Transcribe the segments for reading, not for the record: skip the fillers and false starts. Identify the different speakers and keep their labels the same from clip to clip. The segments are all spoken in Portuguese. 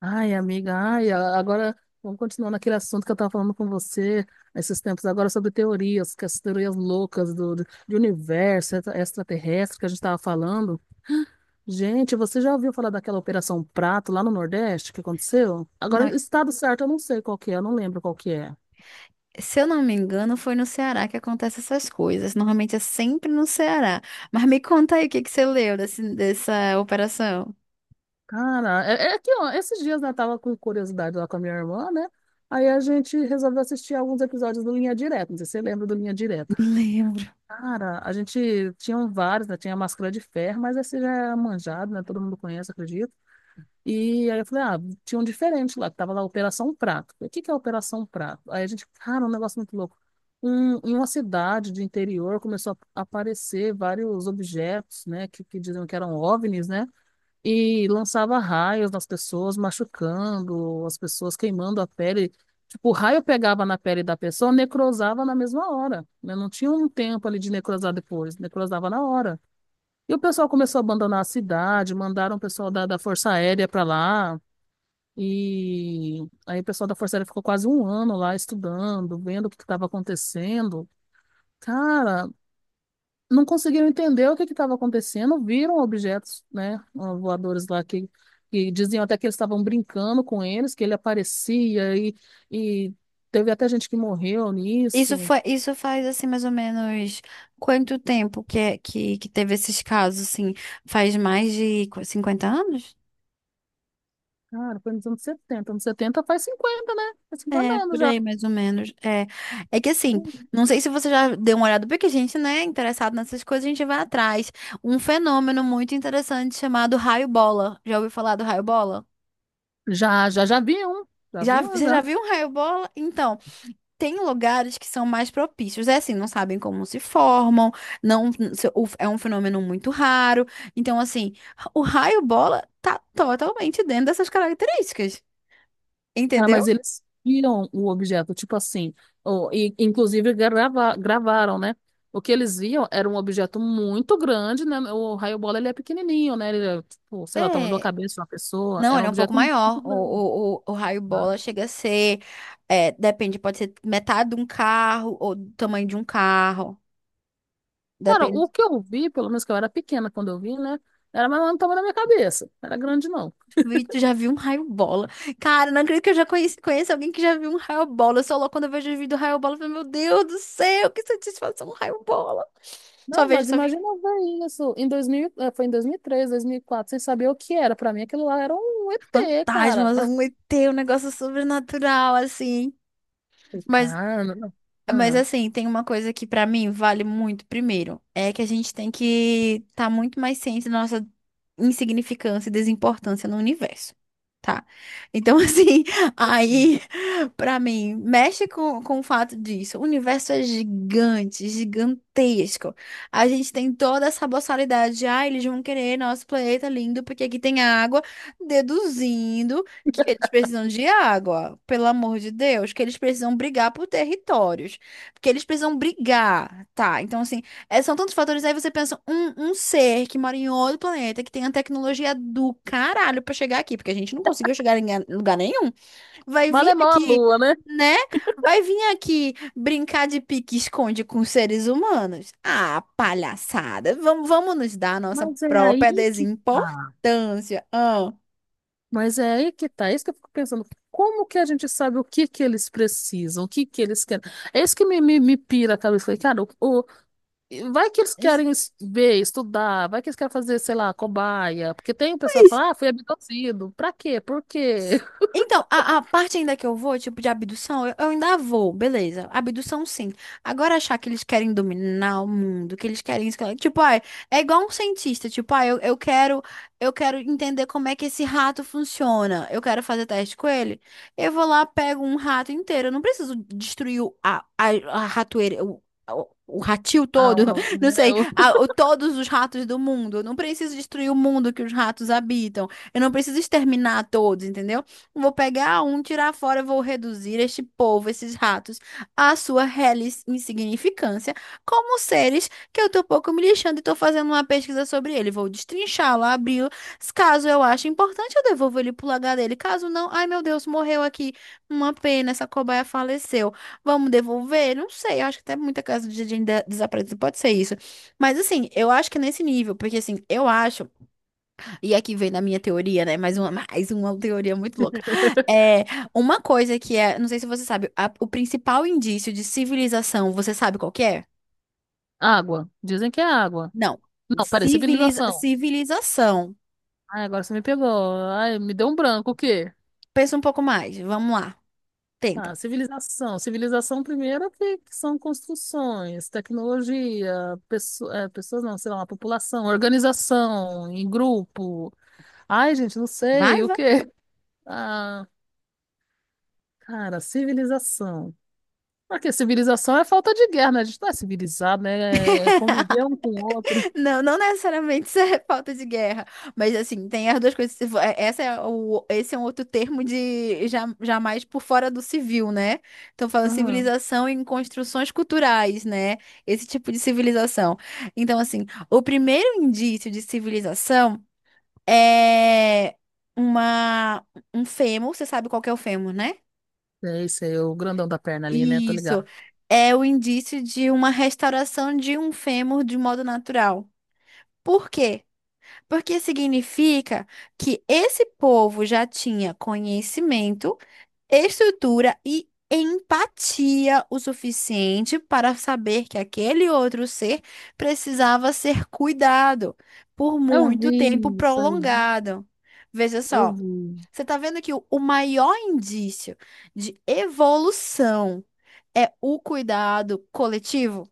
Speaker 1: Ai, amiga, ai, a- Agora vamos continuar naquele assunto que eu estava falando com você esses tempos agora sobre teorias, que as teorias loucas de universo extraterrestre que a gente estava falando. Gente, você já ouviu falar daquela Operação Prato lá no Nordeste que aconteceu? Agora,
Speaker 2: Não,
Speaker 1: o estado certo eu não sei qual que é, eu não lembro qual que é.
Speaker 2: se eu não me engano, foi no Ceará que acontecem essas coisas. Normalmente é sempre no Ceará. Mas me conta aí o que que você leu dessa operação.
Speaker 1: Cara, é que ó, esses dias né, eu tava com curiosidade lá com a minha irmã, né? Aí a gente resolveu assistir alguns episódios do Linha Direta. Não sei se você lembra do Linha Direta.
Speaker 2: Lembro.
Speaker 1: Cara, a gente tinha vários, né? Tinha a máscara de ferro, mas esse já é manjado, né? Todo mundo conhece, acredito. E aí eu falei, ah, tinha um diferente lá, que tava lá Operação Prato. O que que é Operação Prato? Aí a gente, cara, um negócio muito louco. Um, em uma cidade de interior começou a aparecer vários objetos, né? Que diziam que eram OVNIs, né? E lançava raios nas pessoas, machucando as pessoas, queimando a pele. Tipo, o raio pegava na pele da pessoa, necrosava na mesma hora, né? Não tinha um tempo ali de necrosar depois, necrosava na hora. E o pessoal começou a abandonar a cidade, mandaram o pessoal da Força Aérea para lá. E aí o pessoal da Força Aérea ficou quase um ano lá estudando, vendo o que estava acontecendo. Cara, não conseguiram entender o que estava acontecendo, viram objetos, né, voadores lá que, diziam até que eles estavam brincando com eles, que ele aparecia e teve até gente que morreu
Speaker 2: Isso
Speaker 1: nisso.
Speaker 2: foi, isso faz assim mais ou menos quanto tempo que teve esses casos, assim? Faz mais de 50 anos?
Speaker 1: Cara, foi nos anos 70. Anos 70 faz 50, né? Faz 50
Speaker 2: É,
Speaker 1: anos
Speaker 2: por
Speaker 1: já.
Speaker 2: aí, mais ou menos. É que assim, não sei se você já deu uma olhada, porque a gente, né, interessado nessas coisas, a gente vai atrás. Um fenômeno muito interessante chamado raio-bola. Já ouviu falar do raio-bola?
Speaker 1: Já vi um. Já
Speaker 2: Já,
Speaker 1: vi um,
Speaker 2: você já
Speaker 1: já.
Speaker 2: viu um raio-bola? Então, tem lugares que são mais propícios. É assim, não sabem como se formam, é um fenômeno muito raro. Então, assim, o raio-bola tá totalmente dentro dessas características,
Speaker 1: Cara,
Speaker 2: entendeu?
Speaker 1: mas eles viram o objeto, tipo assim, inclusive gravaram, né? O que eles viam era um objeto muito grande, né? O raio bola, ele é pequenininho, né? Ele é, tipo, sei lá, o tamanho da
Speaker 2: É.
Speaker 1: cabeça de uma pessoa.
Speaker 2: Não,
Speaker 1: Era
Speaker 2: ele
Speaker 1: um
Speaker 2: é um pouco
Speaker 1: objeto muito
Speaker 2: maior. O,
Speaker 1: grande,
Speaker 2: o, o, o
Speaker 1: né?
Speaker 2: raio-bola chega a ser, depende, pode ser metade de um carro ou do tamanho de um carro.
Speaker 1: Cara, o
Speaker 2: Depende.
Speaker 1: que eu vi, pelo menos que eu era pequena quando eu vi, né? Era mais ou menos o tamanho da minha cabeça. Não era grande, não.
Speaker 2: Tu já viu um raio bola? Cara, não acredito que eu já conheço alguém que já viu um raio bola. Eu sou louca quando eu vejo o vídeo do raio bola. Eu falo, meu Deus do céu, que satisfação, um raio bola. Só
Speaker 1: Não,
Speaker 2: vejo,
Speaker 1: mas
Speaker 2: só vi
Speaker 1: imagina ver isso. Em 2000, foi em 2003, quatro sem saber o que era. Pra mim, aquilo lá era um ET, cara.
Speaker 2: fantasmas, um ET, um negócio sobrenatural, assim.
Speaker 1: Falei,
Speaker 2: Mas
Speaker 1: cara, não.
Speaker 2: Mas
Speaker 1: Ah.
Speaker 2: assim, tem uma coisa que pra mim vale muito. Primeiro, é que a gente tem que estar tá muito mais ciente da nossa insignificância e desimportância no universo. Tá. Então, assim, aí, pra mim, mexe com o fato disso. O universo é gigante, gigantesco. A gente tem toda essa boçalidade de, ah, eles vão querer nosso planeta lindo porque aqui tem água, deduzindo que eles precisam de água, pelo amor de Deus, que eles precisam brigar por territórios. Porque eles precisam brigar, tá? Então, assim, é- são tantos fatores. Aí você pensa, um ser que mora em outro planeta, que tem a tecnologia do caralho pra chegar aqui, porque a gente não conseguiu chegar em lugar nenhum, vai vir
Speaker 1: Malemão a
Speaker 2: aqui,
Speaker 1: lua, né?
Speaker 2: né? Vai vir aqui brincar de pique-esconde com seres humanos. Ah, palhaçada. Vamos nos dar a nossa
Speaker 1: Mas é aí
Speaker 2: própria
Speaker 1: que tá.
Speaker 2: desimportância. Ah.
Speaker 1: Mas é aí que tá. É isso que eu fico pensando. Como que a gente sabe o que que eles precisam, o que que eles querem? É isso que me pira a cabeça. Falei, cara, vai que eles querem ver, estudar, vai que eles querem fazer, sei lá, cobaia. Porque tem o pessoal que
Speaker 2: Mas
Speaker 1: fala, ah, fui abduzido. Pra quê? Por quê?
Speaker 2: então, a parte ainda que eu vou, tipo, de abdução, eu ainda vou, beleza. Abdução, sim. Agora, achar que eles querem dominar o mundo, que eles querem... Tipo, ah, é igual um cientista. Tipo, ah, eu quero entender como é que esse rato funciona. Eu quero fazer teste com ele. Eu vou lá, pego um rato inteiro. Eu não preciso destruir a ratoeira... O ratil
Speaker 1: Ah,
Speaker 2: todo,
Speaker 1: o-
Speaker 2: não
Speaker 1: é
Speaker 2: sei,
Speaker 1: o-
Speaker 2: todos os ratos do mundo. Eu não preciso destruir o mundo que os ratos habitam. Eu não preciso exterminar todos, entendeu? Eu vou pegar um, tirar fora, eu vou reduzir este povo, esses ratos, à sua reles insignificância, como seres que eu tô pouco me lixando e tô fazendo uma pesquisa sobre ele. Vou destrinchá-lo, abri-lo. Caso eu ache importante, eu devolvo ele pro lugar dele. Caso não, ai meu Deus, morreu aqui. Uma pena, essa cobaia faleceu. Vamos devolver? Não sei, eu acho que até muita casa de desaparecido pode ser isso. Mas assim, eu acho que é nesse nível, porque assim, eu acho e aqui vem na minha teoria, né? Mais uma, mais uma teoria muito louca. É uma coisa que é, não sei se você sabe, o principal indício de civilização, você sabe qual que é?
Speaker 1: Água. Dizem que é água.
Speaker 2: Não.
Speaker 1: Não, peraí,
Speaker 2: Civiliza,
Speaker 1: civilização.
Speaker 2: civilização.
Speaker 1: Ai, agora você me pegou. Ai, me deu um branco, o quê?
Speaker 2: Pensa um pouco mais. Vamos lá.
Speaker 1: Ah,
Speaker 2: Tenta.
Speaker 1: civilização. Civilização, primeiro, que são construções, tecnologia, pessoas, não, sei lá, uma população, organização, em grupo. Ai, gente, não
Speaker 2: Vai,
Speaker 1: sei, o
Speaker 2: vai.
Speaker 1: quê? Ah, cara, civilização. Porque civilização é falta de guerra, né? A gente não é civilizado, né? É conviver um com o outro.
Speaker 2: Não, não necessariamente isso é falta de guerra, mas assim, tem as duas coisas. Se vo- é- Esse é um outro termo de jamais por fora do civil, né? Então, falando
Speaker 1: Ah,
Speaker 2: civilização em construções culturais, né? Esse tipo de civilização. Então, assim, o primeiro indício de civilização é uma, um fêmur, você sabe qual que é o fêmur, né?
Speaker 1: é isso aí, o grandão da perna ali, né? Tô
Speaker 2: Isso.
Speaker 1: ligado.
Speaker 2: É o indício de uma restauração de um fêmur de modo natural. Por quê? Porque significa que esse povo já tinha conhecimento, estrutura e empatia o suficiente para saber que aquele outro ser precisava ser cuidado por
Speaker 1: Eu
Speaker 2: muito tempo
Speaker 1: vi isso aí, não?
Speaker 2: prolongado. Veja
Speaker 1: Eu
Speaker 2: só,
Speaker 1: vi.
Speaker 2: você está vendo que o maior indício de evolução é o cuidado coletivo?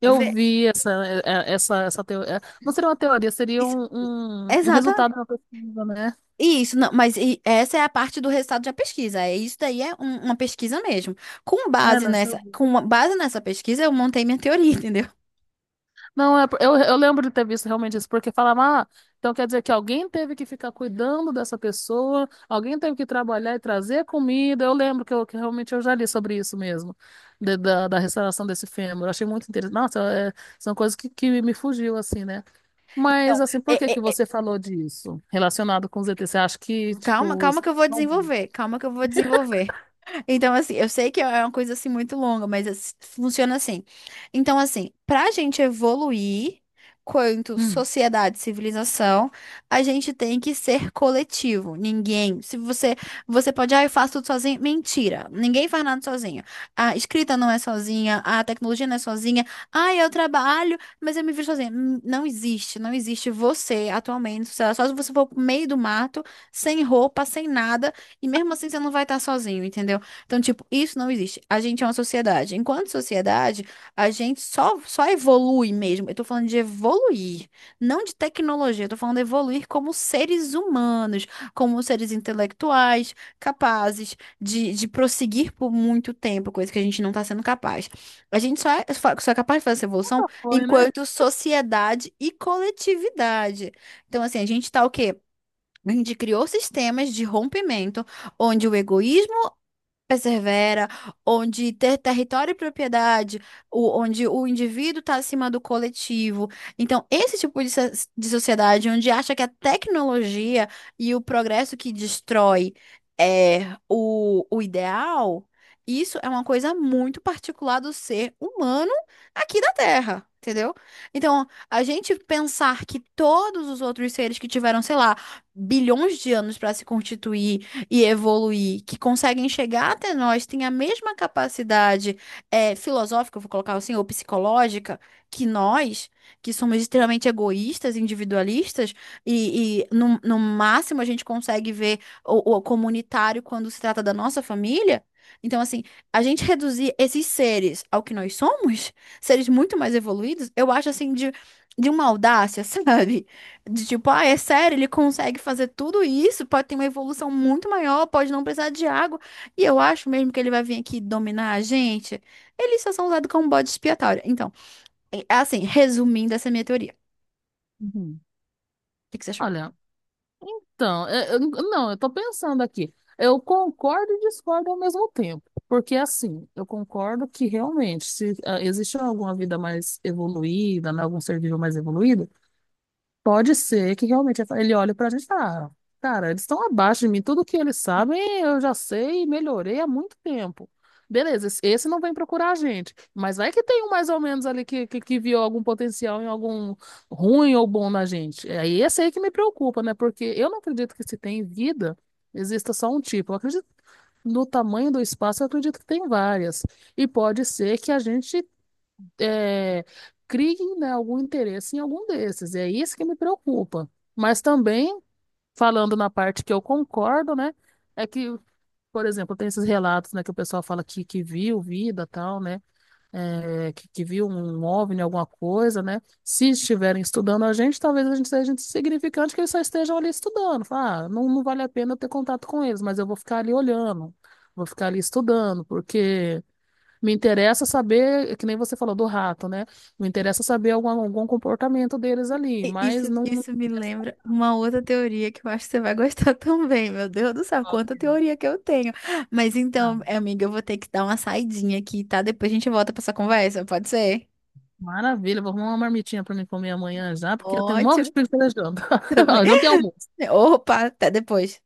Speaker 1: Eu
Speaker 2: Ve-
Speaker 1: vi essa, é, é, essa teoria. Não seria uma teoria, seria
Speaker 2: isso-
Speaker 1: um
Speaker 2: Exatamente.
Speaker 1: resultado da pesquisa, né?
Speaker 2: Isso, não, mas essa é a parte do resultado da pesquisa. É isso daí é uma pesquisa mesmo. Com
Speaker 1: É,
Speaker 2: base
Speaker 1: não, isso eu
Speaker 2: nessa,
Speaker 1: vi.
Speaker 2: com base nessa pesquisa, eu montei minha teoria, entendeu?
Speaker 1: Não, é, eu lembro de ter visto realmente isso, porque falava, ah, então quer dizer que alguém teve que ficar cuidando dessa pessoa, alguém teve que trabalhar e trazer comida. Eu lembro que, eu, que realmente eu já li sobre isso mesmo, da restauração desse fêmur. Eu achei muito interessante. Nossa, é, são coisas que me fugiu, assim, né? Mas,
Speaker 2: Então,
Speaker 1: assim,
Speaker 2: é,
Speaker 1: por que que
Speaker 2: é, é,
Speaker 1: você falou disso relacionado com o ZT? Você acha que,
Speaker 2: calma,
Speaker 1: tipo,
Speaker 2: calma que eu vou
Speaker 1: Não.
Speaker 2: desenvolver, calma que eu vou desenvolver. Então, assim, eu sei que é uma coisa assim muito longa, mas funciona assim. Então, assim, pra gente evoluir quanto
Speaker 1: Hum.
Speaker 2: sociedade, civilização, a gente tem que ser coletivo. Ninguém, se você, você pode, ah, eu faço tudo sozinho. Mentira, ninguém faz nada sozinho. A escrita não é sozinha, a tecnologia não é sozinha. Ah, eu trabalho, mas eu me vejo sozinha. Não existe você atualmente, sei lá, só se você for pro meio do mato sem roupa, sem nada, e mesmo assim você não vai estar sozinho, entendeu? Então, tipo, isso não existe. A gente é uma sociedade. Enquanto sociedade, a gente só evolui mesmo. Eu tô falando de evoluir, não de tecnologia, eu tô falando de evoluir como seres humanos, como seres intelectuais, capazes de prosseguir por muito tempo, coisa que a gente não está sendo capaz. A gente só é capaz de fazer essa evolução
Speaker 1: Foi, né?
Speaker 2: enquanto sociedade e coletividade. Então, assim, a gente tá o quê? A gente criou sistemas de rompimento onde o egoísmo persevera, onde ter território e propriedade, onde o indivíduo está acima do coletivo. Então, esse tipo de sociedade onde acha que a tecnologia e o progresso que destrói é o ideal, isso é uma coisa muito particular do ser humano aqui da Terra. Entendeu? Então, a gente pensar que todos os outros seres que tiveram, sei lá, bilhões de anos para se constituir e evoluir, que conseguem chegar até nós, têm a mesma capacidade filosófica, eu vou colocar assim, ou psicológica, que nós, que somos extremamente egoístas, individualistas, e no, máximo a gente consegue ver o comunitário quando se trata da nossa família. Então, assim, a gente reduzir esses seres ao que nós somos, seres muito mais evoluídos, eu acho assim de uma audácia, sabe? De tipo, ah, é sério, ele consegue fazer tudo isso, pode ter uma evolução muito maior, pode não precisar de água. E eu acho mesmo que ele vai vir aqui dominar a gente. Eles só são usados como bode expiatório. Então, é assim, resumindo essa minha teoria,
Speaker 1: Uhum.
Speaker 2: o que que você achou?
Speaker 1: Olha, então, não, eu tô pensando aqui. Eu concordo e discordo ao mesmo tempo. Porque, assim, eu concordo que realmente, se ah, existe alguma vida mais evoluída, né, algum ser vivo mais evoluído, pode ser que realmente ele olhe pra gente e fala, "Ah, cara, eles estão abaixo de mim, tudo que eles sabem eu já sei e melhorei há muito tempo. Beleza, esse não vem procurar a gente, mas vai que tem um mais ou menos ali que viu algum potencial em algum ruim ou bom na gente. É aí esse aí que me preocupa, né? Porque eu não acredito que se tem vida, exista só um tipo. Eu acredito no tamanho do espaço, eu acredito que tem várias. E pode ser que a gente é, criem, né, algum interesse em algum desses. É isso que me preocupa. Mas também, falando na parte que eu concordo, né, é que, por exemplo, tem esses relatos, né, que o pessoal fala que, viu vida, tal, né, que, viu um OVNI, alguma coisa, né. Se estiverem estudando a gente, talvez a gente seja insignificante que eles só estejam ali estudando. Fala, ah, não, não vale a pena eu ter contato com eles, mas eu vou ficar ali olhando, vou ficar ali estudando, porque me interessa saber, que nem você falou do rato, né? Me interessa saber algum comportamento deles ali,
Speaker 2: E
Speaker 1: mas
Speaker 2: Isso,
Speaker 1: não
Speaker 2: isso me
Speaker 1: interessa
Speaker 2: lembra uma outra teoria que eu acho que você vai gostar também, meu Deus do céu,
Speaker 1: falar
Speaker 2: quanta
Speaker 1: que é.
Speaker 2: teoria que eu tenho. Mas
Speaker 1: Ah,
Speaker 2: então, amiga, eu vou ter que dar uma saidinha aqui, tá? Depois a gente volta pra essa conversa, pode ser?
Speaker 1: maravilha, vou arrumar uma marmitinha para mim comer amanhã já, porque eu tenho um monte de
Speaker 2: Ótimo,
Speaker 1: preguiça da janta.
Speaker 2: também.
Speaker 1: A janta e almoço.
Speaker 2: Opa, até depois.